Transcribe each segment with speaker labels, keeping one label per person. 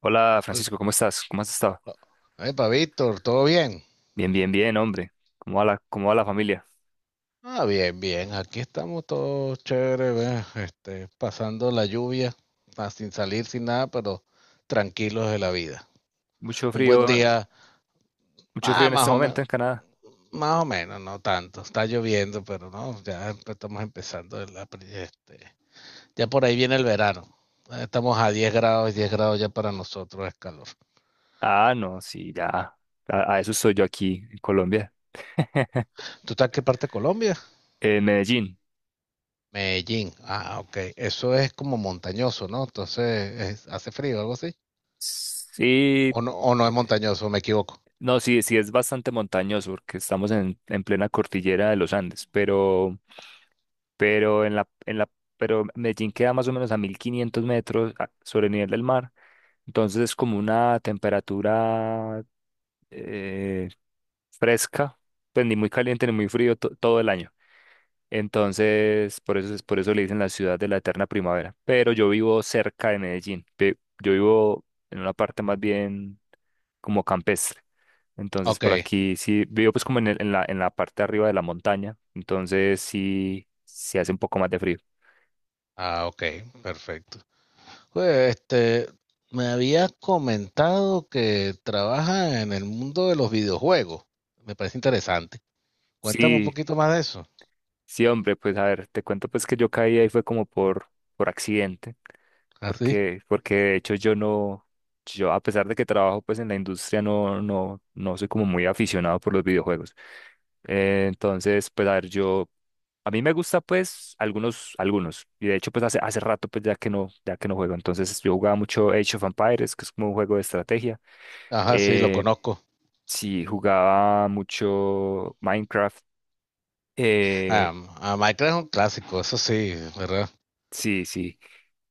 Speaker 1: Hola,
Speaker 2: Hola.
Speaker 1: Francisco, ¿cómo estás? ¿Cómo has estado?
Speaker 2: Epa, Víctor, ¿todo bien?
Speaker 1: Bien, bien, bien, hombre. ¿Cómo va la familia?
Speaker 2: Ah, bien, bien. Aquí estamos todos chéveres, ve, pasando la lluvia, sin salir, sin nada, pero tranquilos de la vida.
Speaker 1: Mucho
Speaker 2: Un buen
Speaker 1: frío,
Speaker 2: día,
Speaker 1: mucho frío
Speaker 2: ah,
Speaker 1: en
Speaker 2: más
Speaker 1: este
Speaker 2: o menos,
Speaker 1: momento en Canadá.
Speaker 2: más o menos, no tanto. Está lloviendo, pero no, estamos empezando ya por ahí viene el verano. Estamos a 10 grados, 10 grados ya para nosotros es calor.
Speaker 1: Ah, no, sí, ya. A eso soy yo aquí en Colombia.
Speaker 2: ¿Tú estás en qué parte de Colombia?
Speaker 1: En Medellín.
Speaker 2: Medellín. Ah, ok. Eso es como montañoso, ¿no? Entonces, ¿hace frío algo así?
Speaker 1: Sí,
Speaker 2: O no es
Speaker 1: eh,
Speaker 2: montañoso? Me equivoco.
Speaker 1: no, sí, sí es bastante montañoso porque estamos en plena cordillera de los Andes, pero, pero en la, en la, pero Medellín queda más o menos a 1500 metros sobre el nivel del mar. Entonces es como una temperatura eh, fresca, pues ni muy caliente ni muy frío todo el año. Entonces, por eso, por eso le dicen la ciudad de la eterna primavera. Pero yo vivo cerca de Medellín. Yo vivo en una parte más bien como campestre. Entonces,
Speaker 2: Ok.
Speaker 1: por aquí sí, vivo pues como en la parte de arriba de la montaña. Entonces, sí, se hace un poco más de frío.
Speaker 2: Ah, ok. Perfecto. Pues, este, me habías comentado que trabajas en el mundo de los videojuegos. Me parece interesante. Cuéntame un
Speaker 1: Sí,
Speaker 2: poquito más de eso.
Speaker 1: sí, hombre, pues a ver, te cuento pues que yo caí ahí fue como por accidente,
Speaker 2: Así.
Speaker 1: porque de hecho yo no, yo a pesar de que trabajo pues en la industria no, no, no soy como muy aficionado por los videojuegos. Entonces, pues a ver, yo, a mí me gusta pues algunos, y de hecho pues hace rato pues ya que no juego. Entonces yo jugaba mucho Age of Empires, que es como un juego de estrategia.
Speaker 2: Ajá, sí, lo
Speaker 1: eh,
Speaker 2: conozco.
Speaker 1: sí, jugaba mucho Minecraft, eh,
Speaker 2: Ah, a Minecraft es un clásico, eso sí, ¿verdad?
Speaker 1: sí, sí.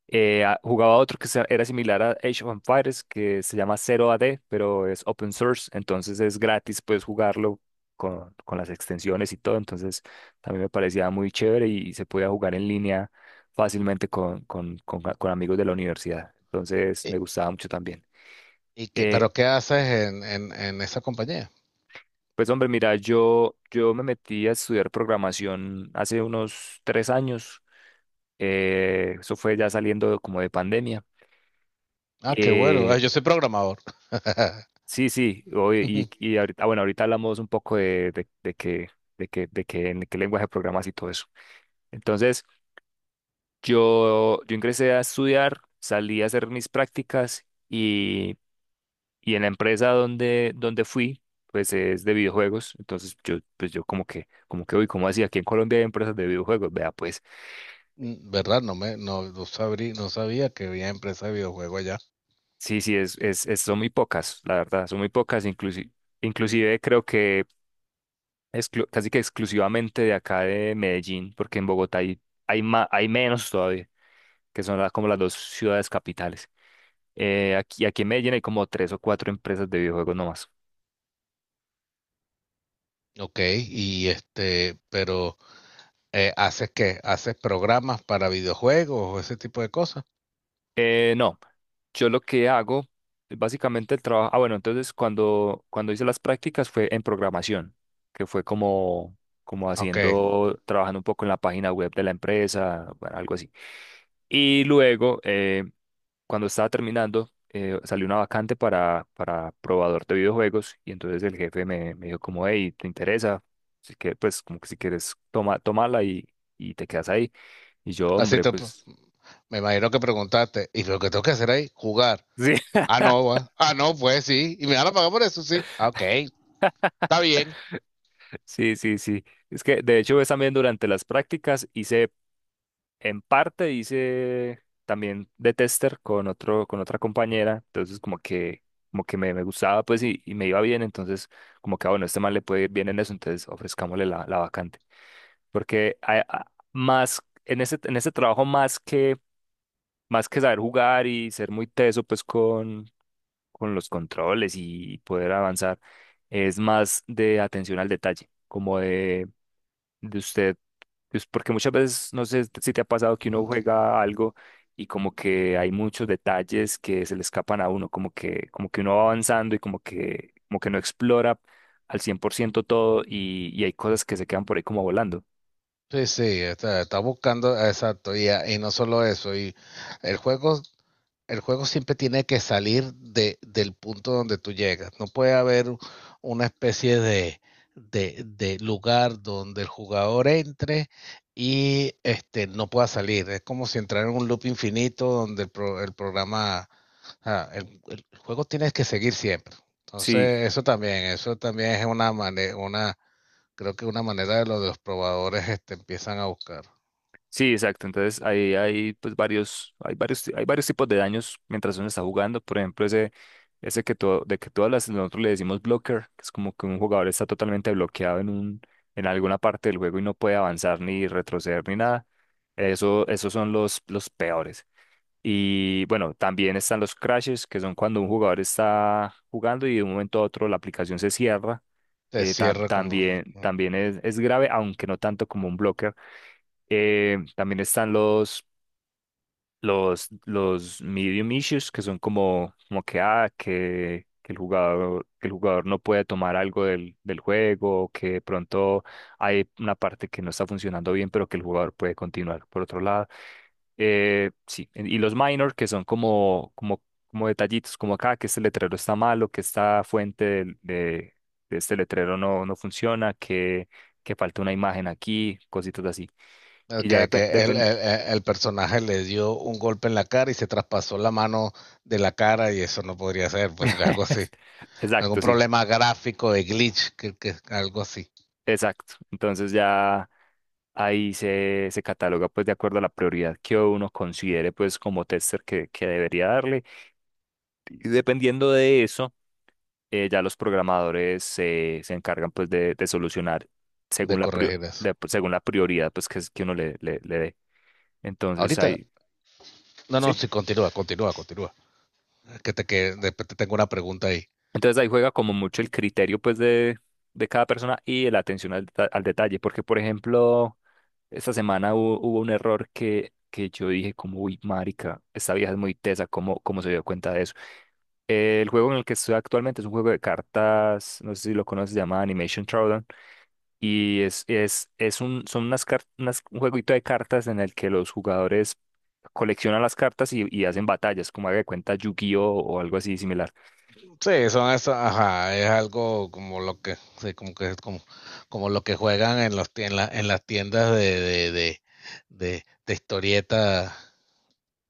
Speaker 1: Jugaba otro que era similar a Age of Empires, que se llama Zero AD, pero es open source, entonces es gratis, puedes jugarlo con las extensiones y todo. Entonces también me parecía muy chévere y se podía jugar en línea fácilmente con amigos de la universidad. Entonces
Speaker 2: ¿Y,
Speaker 1: me gustaba mucho también. Eh,
Speaker 2: ¿Pero qué haces en esa compañía?
Speaker 1: pues, hombre, mira, yo me metí a estudiar programación hace unos 3 años. Eso fue ya saliendo como de pandemia.
Speaker 2: Ah, qué bueno. Ah,
Speaker 1: Eh,
Speaker 2: yo soy programador.
Speaker 1: Sí, sí,
Speaker 2: Ujú.
Speaker 1: y ahorita, ah, bueno, ahorita hablamos un poco de, de que, de que en qué lenguaje programas y todo eso. Entonces, yo ingresé a estudiar, salí a hacer mis prácticas, y en la empresa donde fui, pues es de videojuegos. Entonces yo, pues yo como que, uy, ¿cómo así? Aquí en Colombia hay empresas de videojuegos. Vea, pues,
Speaker 2: Mm, ¿verdad? No no sabía que había empresa de videojuegos allá.
Speaker 1: sí, sí, son muy pocas, la verdad, son muy pocas. Inclusive creo que casi que exclusivamente de acá de Medellín, porque en Bogotá hay menos todavía, que son como las dos ciudades capitales. Aquí en Medellín hay como tres o cuatro empresas de videojuegos nomás.
Speaker 2: Ok, y este, pero ¿haces qué? ¿Haces programas para videojuegos o ese tipo de cosas?
Speaker 1: No, yo lo que hago, básicamente el trabajo, ah, bueno, entonces cuando, cuando hice las prácticas fue en programación, que fue como
Speaker 2: Ok,
Speaker 1: haciendo, trabajando un poco en la página web de la empresa, bueno, algo así. Y luego, cuando estaba terminando, salió una vacante para probador de videojuegos, y entonces el jefe me dijo como: «Hey, ¿te interesa?» Así que, pues, como que si quieres, toma, tómala y te quedas ahí. Y yo,
Speaker 2: así
Speaker 1: hombre,
Speaker 2: te, pre-
Speaker 1: pues…
Speaker 2: me imagino que preguntaste, ¿y lo que tengo que hacer ahí? Jugar.
Speaker 1: Sí.
Speaker 2: Ah, no, va. Ah, no, pues sí, y me van a pagar por eso, sí. Ah, ok, está bien.
Speaker 1: Sí, sí, sí. Es que de hecho, ves, también durante las prácticas hice, en parte hice también de tester con otro, con otra compañera. Entonces como que me gustaba, pues, y me iba bien. Entonces, como que, ah, bueno, este man le puede ir bien en eso, entonces ofrezcámosle la vacante. Porque más, en ese trabajo, más que saber jugar y ser muy teso, pues, con los controles y poder avanzar, es más de atención al detalle, como de usted, pues, porque muchas veces, no sé si te ha pasado, que uno juega algo y como que hay muchos detalles que se le escapan a uno, como que uno va avanzando y como que no explora al 100% todo, y hay cosas que se quedan por ahí como volando.
Speaker 2: Sí, sí, está, está buscando, exacto, y no solo eso, y el juego el juego siempre tiene que salir de, del punto donde tú llegas. No puede haber una especie de lugar donde el jugador entre y no pueda salir. Es como si entrara en un loop infinito donde el programa, juego tiene que seguir siempre.
Speaker 1: Sí,
Speaker 2: Entonces, eso también es una manera, creo que una manera de lo de los probadores empiezan a buscar.
Speaker 1: sí, exacto. Entonces hay pues varios tipos de daños mientras uno está jugando. Por ejemplo, ese que todo, de que todas las, nosotros le decimos blocker, que es como que un jugador está totalmente bloqueado en alguna parte del juego y no puede avanzar ni retroceder ni nada. Eso, esos son los peores. Y bueno, también están los crashes, que son cuando un jugador está jugando y de un momento a otro la aplicación se cierra.
Speaker 2: Se
Speaker 1: Eh, tam-
Speaker 2: cierra como...
Speaker 1: también, también es grave, aunque no tanto como un blocker. También están los medium issues, que son como que el jugador no puede tomar algo del juego, o que de pronto hay una parte que no está funcionando bien, pero que el jugador puede continuar. Por otro lado, sí, y los minor, que son como detallitos, como acá, que este letrero está malo, que esta fuente de este letrero no funciona, que falta una imagen aquí, cositas así. Y ya
Speaker 2: Okay,
Speaker 1: depen-
Speaker 2: que
Speaker 1: depen-
Speaker 2: el personaje le dio un golpe en la cara y se traspasó la mano de la cara y eso no podría ser, pues algo así. Algún
Speaker 1: Exacto, sí,
Speaker 2: problema gráfico de glitch, que algo así,
Speaker 1: exacto. Entonces ya ahí se cataloga pues de acuerdo a la prioridad que uno considere pues como tester que debería darle. Y dependiendo de eso, ya los programadores se encargan pues de solucionar
Speaker 2: de
Speaker 1: según la, prio-
Speaker 2: corregir eso.
Speaker 1: según la prioridad pues que uno le dé. Entonces
Speaker 2: Ahorita,
Speaker 1: ahí,
Speaker 2: no, no,
Speaker 1: sí.
Speaker 2: sí, continúa. Que te que después te tengo una pregunta ahí.
Speaker 1: Entonces ahí juega como mucho el criterio pues de cada persona y la atención al detalle, porque por ejemplo… Esta semana hubo un error que yo dije como: «Uy, marica, esta vieja es muy tesa, ¿cómo se dio cuenta de eso?» El juego en el que estoy actualmente es un juego de cartas, no sé si lo conoces, se llama Animation Drawdown, y es un, son unas, car- unas- un jueguito de cartas en el que los jugadores coleccionan las cartas y hacen batallas, como haga de cuenta Yu-Gi-Oh o algo así similar.
Speaker 2: Sí, son eso, ajá, es como, como lo que juegan en los tien- en la- en las tiendas de historieta.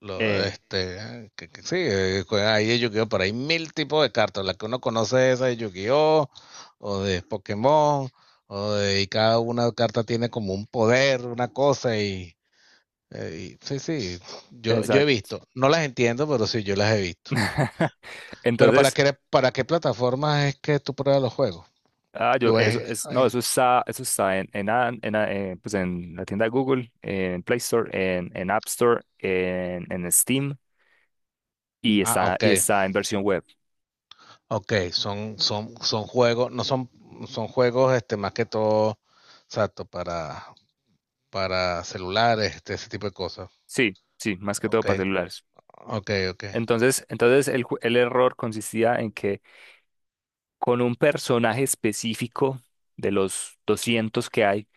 Speaker 2: Lo,
Speaker 1: Eh,
Speaker 2: este, que Sí, juegan ahí de Yu-Gi-Oh! Pero hay mil tipos de cartas. La que uno conoce es esa de Yu-Gi-Oh! O de Pokémon, y cada una carta tiene como un poder, una cosa. Sí, sí, yo he
Speaker 1: exacto.
Speaker 2: visto. No las entiendo, pero sí, yo las he visto. Pero ¿para
Speaker 1: Entonces,
Speaker 2: qué, ¿Para qué plataformas es que tú pruebas los juegos?
Speaker 1: ah, yo,
Speaker 2: ¿O es-
Speaker 1: no,
Speaker 2: ay,
Speaker 1: eso está en, An- en, a- pues en la tienda de Google, en Play Store, en App Store, en Steam, y
Speaker 2: ah,
Speaker 1: está,
Speaker 2: ok,
Speaker 1: y está en versión web.
Speaker 2: ok, son juegos, no son, son juegos más que todo, exacto, para celulares, este, ese tipo de cosas.
Speaker 1: Sí, sí, más que todo
Speaker 2: Ok,
Speaker 1: para celulares.
Speaker 2: ok, ok.
Speaker 1: Entonces, entonces el error consistía en que, con un personaje específico de los 200 que hay,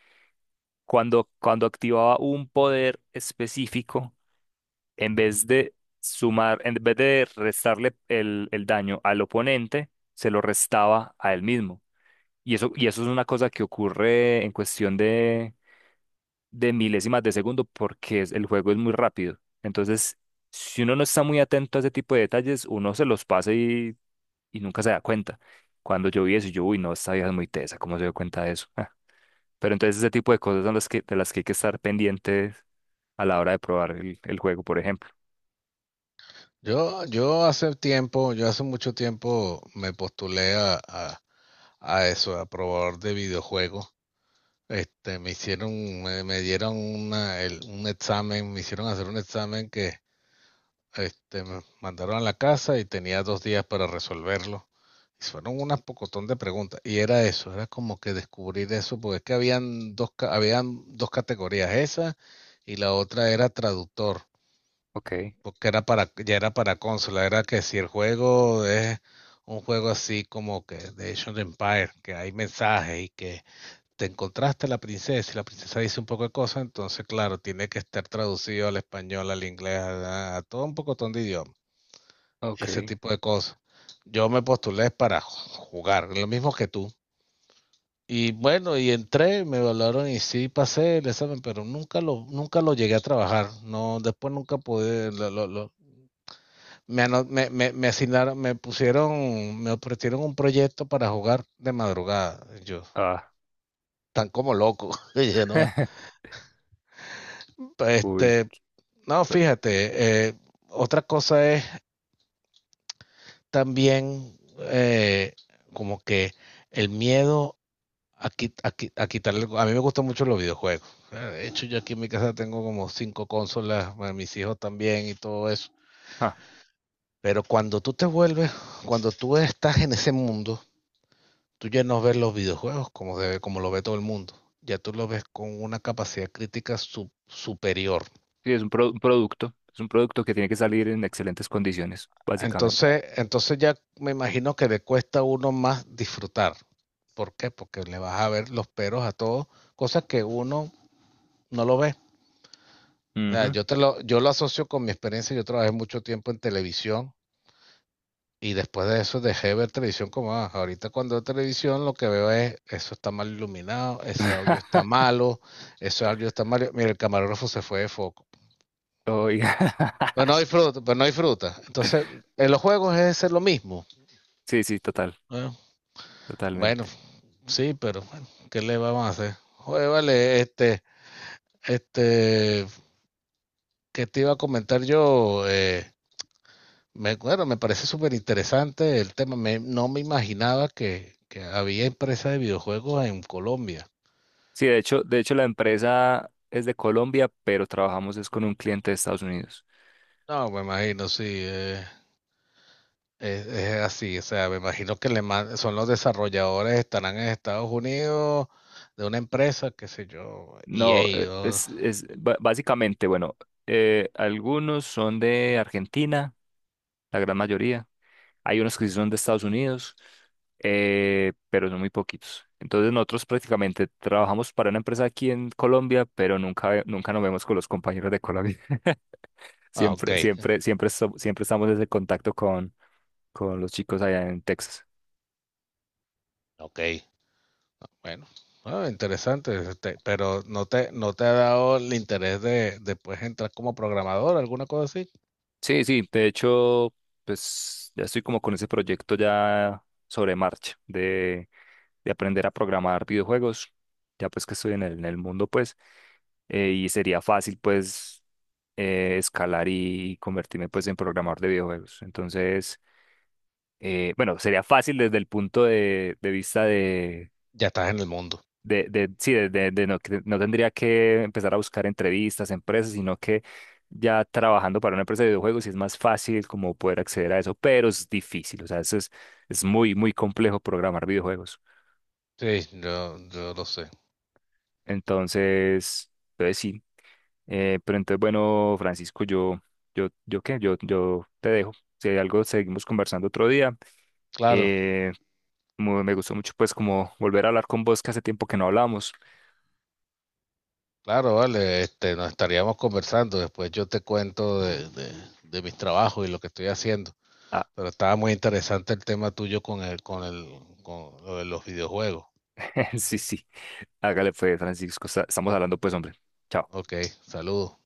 Speaker 1: cuando activaba un poder específico, en vez de sumar, en vez de restarle el daño al oponente, se lo restaba a él mismo. Y eso es una cosa que ocurre en cuestión de milésimas de segundo, porque el juego es muy rápido. Entonces, si uno no está muy atento a ese tipo de detalles, uno se los pasa y nunca se da cuenta. Cuando yo vi eso, uy, no, esta vieja es muy tesa, ¿cómo se dio cuenta de eso? Ah, pero entonces ese tipo de cosas son las que, de las que hay que estar pendientes a la hora de probar el juego, por ejemplo.
Speaker 2: Yo hace tiempo, yo hace mucho tiempo me postulé a eso, a probador de videojuegos. Este, me dieron una, un examen, me hicieron hacer un examen que este, me mandaron a la casa y tenía 2 días para resolverlo. Y fueron unas pocotón de preguntas. Y era eso, era como que descubrir eso, porque es que habían habían dos categorías, esa y la otra era traductor,
Speaker 1: Ok,
Speaker 2: porque era ya era para consola, era que si el juego es un juego así como que de Age of Empire, que hay mensajes y que te encontraste a la princesa y la princesa dice un poco de cosas, entonces claro, tiene que estar traducido al español, al inglés, a todo un pocotón de idiomas, ese
Speaker 1: ok.
Speaker 2: tipo de cosas. Yo me postulé para jugar, lo mismo que tú. Y bueno, y entré, me evaluaron y sí pasé el examen, pero nunca lo llegué a trabajar. No, después nunca pude, me asignaron, me pusieron, me ofrecieron un proyecto para jugar de madrugada. Yo,
Speaker 1: Ah,
Speaker 2: tan como loco. Y yo, no,
Speaker 1: uy.
Speaker 2: este, no, fíjate, otra cosa es también eh, como que el miedo aquí, a quitarle. A mí me gustan mucho los videojuegos. De hecho, yo aquí en mi casa tengo como cinco consolas, bueno, mis hijos también y todo eso.
Speaker 1: Ah,
Speaker 2: Pero cuando tú te vuelves, Cuando tú estás en ese mundo, tú ya no ves los videojuegos como, como lo ve todo el mundo. Ya tú lo ves con una capacidad crítica superior.
Speaker 1: sí, es un producto. Es un producto que tiene que salir en excelentes condiciones, básicamente.
Speaker 2: Entonces ya me imagino que le cuesta a uno más disfrutar. ¿Por qué? Porque le vas a ver los peros a todo, cosas que uno no lo ve. O sea,
Speaker 1: Ujú.
Speaker 2: yo lo asocio con mi experiencia. Yo trabajé mucho tiempo en televisión y después de eso dejé ver televisión. Como ah, ahorita cuando veo televisión lo que veo es eso está mal iluminado, ese audio está malo, ese audio está malo. Mira, el camarógrafo se fue de foco.
Speaker 1: Oiga.
Speaker 2: Pues no disfruta, pues no disfruta. Entonces, en los juegos es ser lo mismo.
Speaker 1: Sí, sí, total,
Speaker 2: ¿No? Bueno,
Speaker 1: totalmente.
Speaker 2: sí, pero bueno, ¿qué le vamos a hacer? Oye, vale, este, ¿qué te iba a comentar yo? Bueno, me parece súper interesante el tema. No me imaginaba que había empresas de videojuegos en Colombia.
Speaker 1: Sí, de hecho la empresa es de Colombia, pero trabajamos es con un cliente de Estados Unidos.
Speaker 2: No, me imagino, sí, es así. O sea, me imagino que son los desarrolladores, estarán en Estados Unidos, de una empresa, qué sé yo,
Speaker 1: No,
Speaker 2: EA.
Speaker 1: es básicamente, bueno, algunos son de Argentina, la gran mayoría. Hay unos que sí son de Estados Unidos, pero son muy poquitos. Entonces nosotros prácticamente trabajamos para una empresa aquí en Colombia, pero nunca, nunca nos vemos con los compañeros de Colombia.
Speaker 2: Ah, ok,
Speaker 1: Siempre, siempre, siempre, siempre estamos en ese contacto con los chicos allá en Texas.
Speaker 2: ok. Bueno, ah, interesante. Este, pero no te ha dado el interés de después entrar como programador, alguna cosa así.
Speaker 1: Sí, sí, de hecho, pues ya estoy como con ese proyecto ya sobre marcha de aprender a programar videojuegos, ya pues que estoy en el mundo, pues. Y sería fácil pues escalar y convertirme pues en programador de videojuegos. Entonces, bueno, sería fácil desde el punto de vista de,
Speaker 2: Ya estás en el mundo.
Speaker 1: de que no tendría que empezar a buscar entrevistas, empresas, sino que ya trabajando para una empresa de videojuegos sí es más fácil como poder acceder a eso, pero es difícil, o sea, eso es muy, muy complejo programar videojuegos.
Speaker 2: Sí, yo lo sé.
Speaker 1: Entonces, entonces sí. Pero entonces, bueno, Francisco, yo, qué, yo te dejo. Si hay algo, seguimos conversando otro día.
Speaker 2: Claro,
Speaker 1: Eh, Me gustó mucho, pues, como volver a hablar con vos, que hace tiempo que no hablamos.
Speaker 2: claro, vale, este, nos estaríamos conversando, después yo te cuento de mis trabajos y lo que estoy haciendo,
Speaker 1: Ah,
Speaker 2: pero estaba muy interesante el tema tuyo con lo de los videojuegos.
Speaker 1: sí, sí. Hágale, pues, Francisco. Estamos hablando, pues, hombre. Chao.
Speaker 2: Ok, saludos.